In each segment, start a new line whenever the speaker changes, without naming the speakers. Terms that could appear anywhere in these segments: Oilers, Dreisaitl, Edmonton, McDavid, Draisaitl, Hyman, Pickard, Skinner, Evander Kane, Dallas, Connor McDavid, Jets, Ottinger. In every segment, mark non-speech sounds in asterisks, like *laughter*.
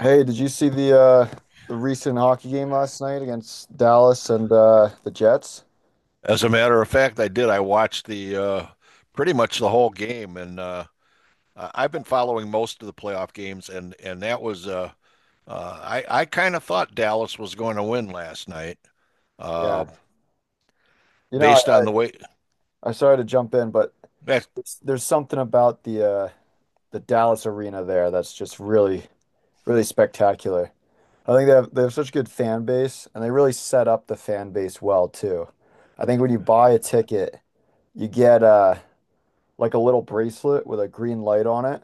Hey, did you see the the recent hockey game last night against Dallas and the Jets?
As a matter of fact, I did. I watched the pretty much the whole game, and I've been following most of the playoff games, and that was I kind of thought Dallas was going to win last night, uh,
Yeah. You know,
based
I,
on the way
I'm sorry to jump in, but
that.
there's something about the the Dallas arena there that's just really really spectacular. I think they have such a good fan base, and they really set up the fan base well too. I think when you buy a ticket, you get like a little bracelet with a green light on it,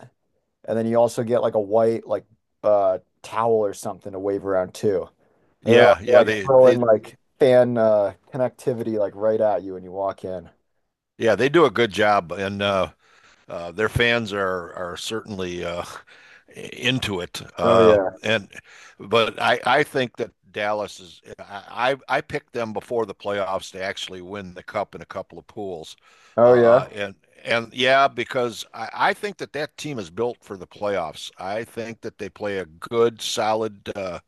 and then you also get like a white like towel or something to wave around too. They're
Yeah, yeah,
like
they
throwing like fan connectivity like right at you when you walk in.
yeah, they do a good job, and their fans are certainly into it.
Oh
Uh,
yeah.
and but I think that Dallas is I picked them before the playoffs to actually win the cup in a couple of pools,
Oh
uh,
yeah.
and and yeah, because I think that that team is built for the playoffs. I think that they play a good solid.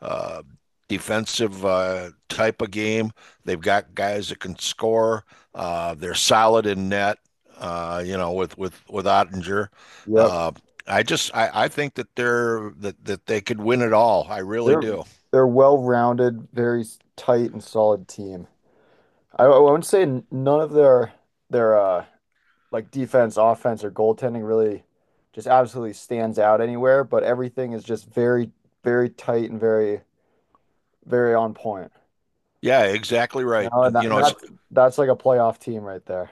uh, Defensive type of game. They've got guys that can score. They're solid in net. You know, with with Ottinger.
Yep.
Uh, I think that they're that that they could win it all. I really
They're
do.
they're well-rounded, very tight and solid team. I wouldn't say none of their like defense, offense, or goaltending really just absolutely stands out anywhere, but everything is just very, very tight and very, very on point.
Yeah, exactly right. You
And
know, it's
that's like a playoff team right there.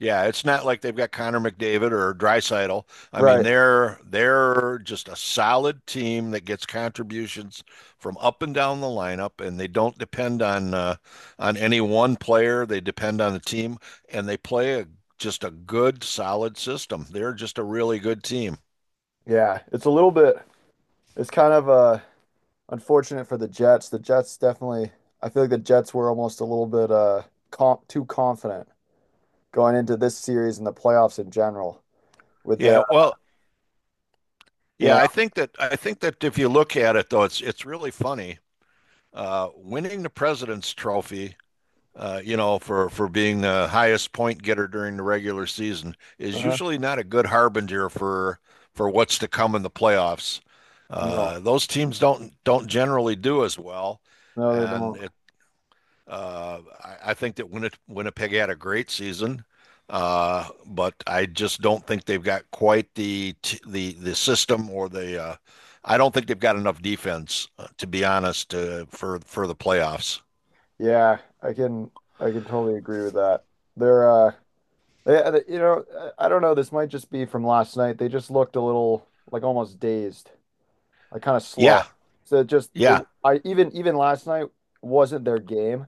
Yeah, it's not like they've got Connor McDavid or Dreisaitl. I mean,
Right.
they're just a solid team that gets contributions from up and down the lineup, and they don't depend on any one player. They depend on the team, and they play just a good, solid system. They're just a really good team.
Yeah. It's a little bit. It's kind of a unfortunate for the Jets. The Jets definitely, I feel like the Jets were almost a little bit comp too confident going into this series and the playoffs in general with their,
Yeah, well,
you
yeah,
know,
I think that if you look at it though, it's really funny. Winning the President's Trophy you know, for being the highest point getter during the regular season is
uh-huh.
usually not a good harbinger for what's to come in the playoffs.
No,
Those teams don't generally do as well,
no, they
and
don't.
it, uh, I, I think that Winnipeg had a great season, but I just don't think they've got quite the system or the. I don't think they've got enough defense, to be honest, for the playoffs.
Yeah, I can, I can totally agree with that. They're, they, you know, I don't know. This might just be from last night. They just looked a little like almost dazed, like kind of slow.
Yeah,
So it just, it,
yeah.
I even last night wasn't their game.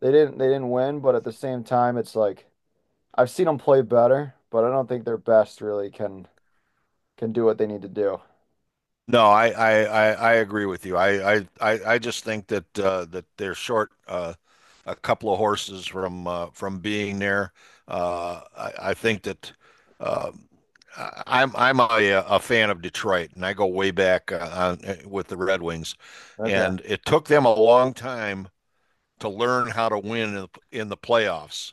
They didn't win, but at the same time, it's like I've seen them play better, but I don't think their best really can do what they need to do.
No, I agree with you. I just think that that they're short a couple of horses from being there. I think that uh, I'm a fan of Detroit, and I go way back with the Red Wings,
Okay.
and it took them a long time to learn how to win in in the playoffs.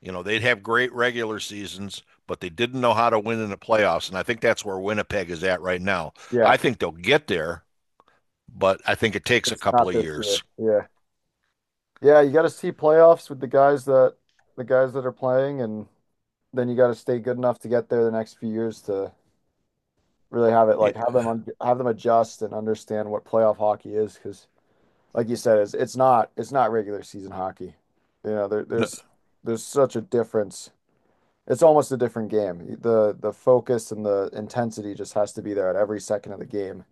You know, they'd have great regular seasons, but they didn't know how to win in the playoffs. And I think that's where Winnipeg is at right now.
Yeah.
I think they'll get there, but I think it takes a
It's
couple
not
of
this
years.
year. Yeah. Yeah, you got to see playoffs with the guys that are playing, and then you got to stay good enough to get there the next few years to really have it like have them un have them adjust and understand what playoff hockey is, because like you said, it's not regular season hockey. You know, there,
Yep.
there's there's such a difference. It's almost a different game. The focus and the intensity just has to be there at every second of the game,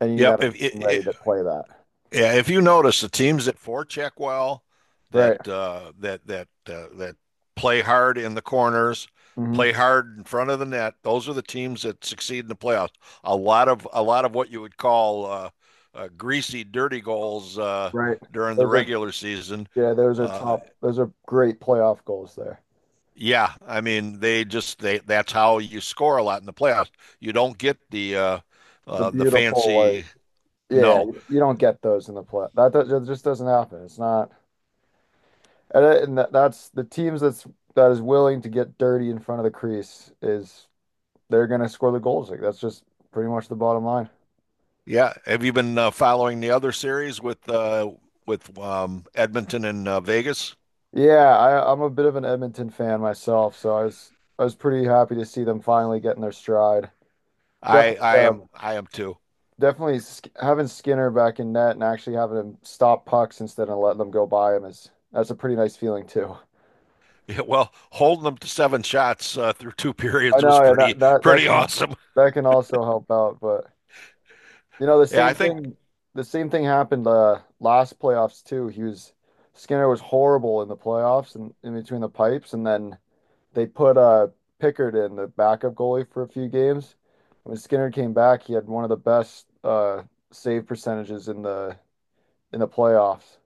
and you need to have a team ready to
If,
play that.
Yeah, if you notice, the teams that forecheck well, that
Right.
that play hard in the corners, play
Hmm.
hard in front of the net, those are the teams that succeed in the playoffs. A lot of what you would call greasy, dirty goals
Right.
during the
Those are,
regular season.
yeah, those are
Uh,
top. Those are great playoff goals there.
yeah, I mean they just they that's how you score a lot in the playoffs. You don't get
The
the
beautiful like,
fancy
yeah,
no.
you don't get those in the play. That just doesn't happen. It's not, and, it- and that, that's the teams that is willing to get dirty in front of the crease, is they're gonna score the goals. Like that's just pretty much the bottom line.
Yeah. Have you been following the other series with Edmonton and Vegas?
Yeah, I'm a bit of an Edmonton fan myself, so I was pretty happy to see them finally getting their stride.
I
Definitely,
I am I am too.
definitely sk having Skinner back in net and actually having him stop pucks instead of letting them go by him is that's a pretty nice feeling too.
Yeah, well, holding them to 7 shots through two *laughs*
I
periods was
know, yeah,
pretty awesome.
that can also help out, but you know
Yeah, I think.
the same thing happened last playoffs too. He was Skinner was horrible in the playoffs and in between the pipes, and then they put Pickard in the backup goalie for a few games. When Skinner came back, he had one of the best save percentages in the playoffs.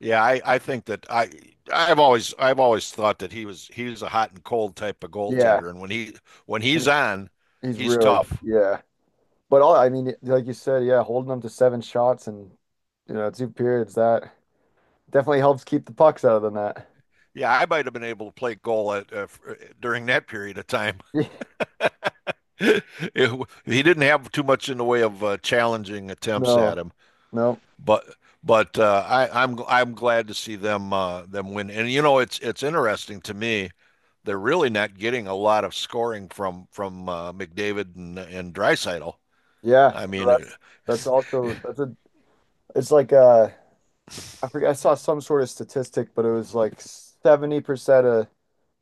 Yeah, I think that I've always thought that he's a hot and cold type of
Yeah.
goaltender, and when he's
When-
on,
he's
he's
really,
tough.
yeah. But all I mean, like you said, yeah, holding them to seven shots and you know two periods, that definitely helps keep the pucks out of the net.
Yeah, I might have been able to play goal at, during that period of time.
*laughs*
*laughs* He didn't have too much in the way of challenging attempts at
No,
him,
no,
but but I'm glad to see them them win. And you know, it's interesting to me. They're really not getting a lot of scoring from McDavid and Dreisaitl.
yeah,
I mean,
no,
it,
that's also that's a, it's like I forget, I saw some sort of statistic, but it was like 70% of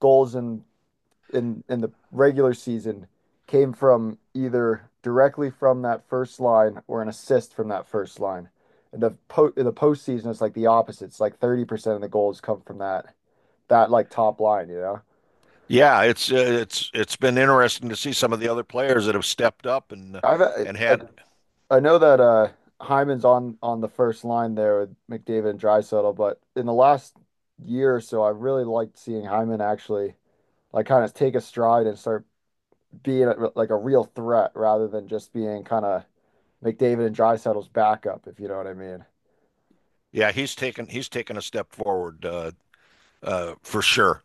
goals in in the regular season came from either directly from that first line or an assist from that first line. And the po in the postseason it's like the opposite. It's like 30% of the goals come from that like top line, you know.
yeah, it's it's been interesting to see some of the other players that have stepped up and
I've uh,
and
like
had
I know that Hyman's on the first line there with McDavid and Draisaitl, but in the last year or so, I really liked seeing Hyman actually like kind of take a stride and start being a, like a real threat rather than just being kind of McDavid and Draisaitel's backup, if you know what I mean.
yeah, he's taken a step forward for sure.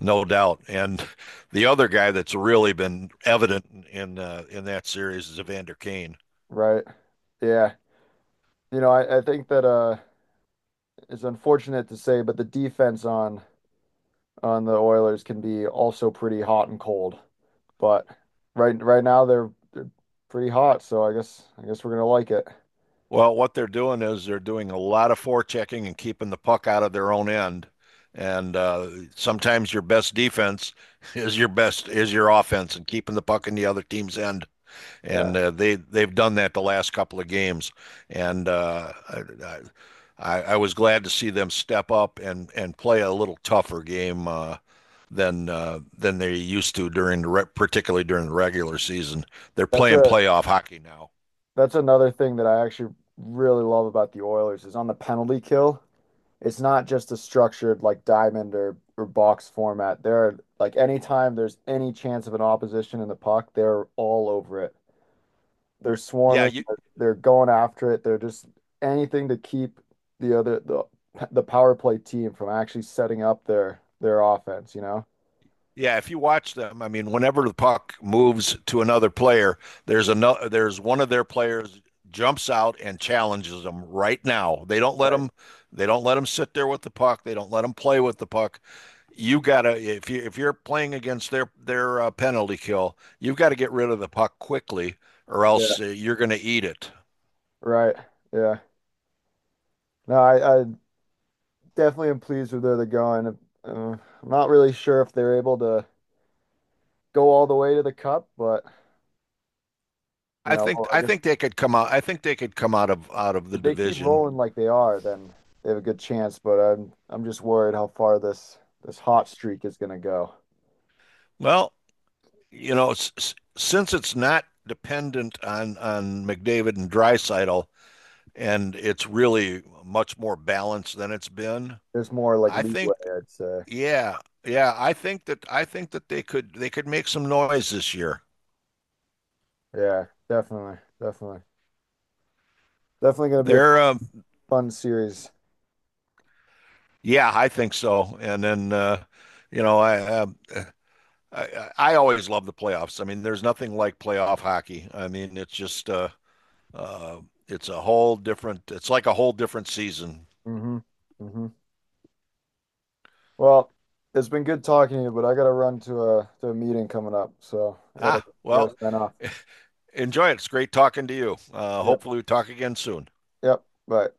No doubt. And the other guy that's really been evident in that series is Evander Kane.
Right. Yeah. I think that it's unfortunate to say, but the defense on the Oilers can be also pretty hot and cold. But right now they're pretty hot, so I guess we're gonna like it.
Well, what they're doing is they're doing a lot of forechecking and keeping the puck out of their own end. And sometimes your best defense *laughs* is your best is your offense and keeping the puck in the other team's end. And
Yeah.
they they've done that the last couple of games. And I was glad to see them step up and play a little tougher game than they used to during particularly during the regular season. They're
That's
playing
a
playoff hockey now.
that's another thing that I actually really love about the Oilers is on the penalty kill. It's not just a structured like diamond or box format. There are like anytime there's any chance of an opposition in the puck, they're all over it. They're
Yeah,
swarming,
you
they're going after it. They're just anything to keep the other the power play team from actually setting up their offense, you know?
yeah. If you watch them, I mean, whenever the puck moves to another player, there's one of their players jumps out and challenges them right now. They don't let
Right.
them sit there with the puck. They don't let them play with the puck. You gotta if you if you're playing against their penalty kill, you've got to get rid of the puck quickly, or
Yeah.
else you're going to eat it.
Right. Yeah. No, I definitely am pleased with where they're going. Uh, I'm not really sure if they're able to go all the way to the cup, but I
I
guess
think they could come out. I think they could come out of the
if they keep
division.
rolling like they are, then they have a good chance, but I'm just worried how far this hot streak is gonna go.
Well, you know, since it's not dependent on McDavid and Drysaitel, and it's really much more balanced than it's been.
There's more like
I
leeway,
think,
I'd say.
yeah, yeah, I think that they could make some noise this year.
Yeah, definitely, definitely. Definitely gonna be a
They're,
fun series.
yeah, I think so. And then, you know, I, uh, I I always love the playoffs. I mean, there's nothing like playoff hockey. I mean, it's just. Uh, it's a whole different, it's like a whole different season.
Mm-hmm. Mm-hmm. Well, it's been good talking to you, but I gotta run to a meeting coming up, so
Ah,
I
well,
gotta sign off.
*laughs* enjoy it. It's great talking to you.
Yep.
Hopefully, we talk again soon.
Yep. Bye.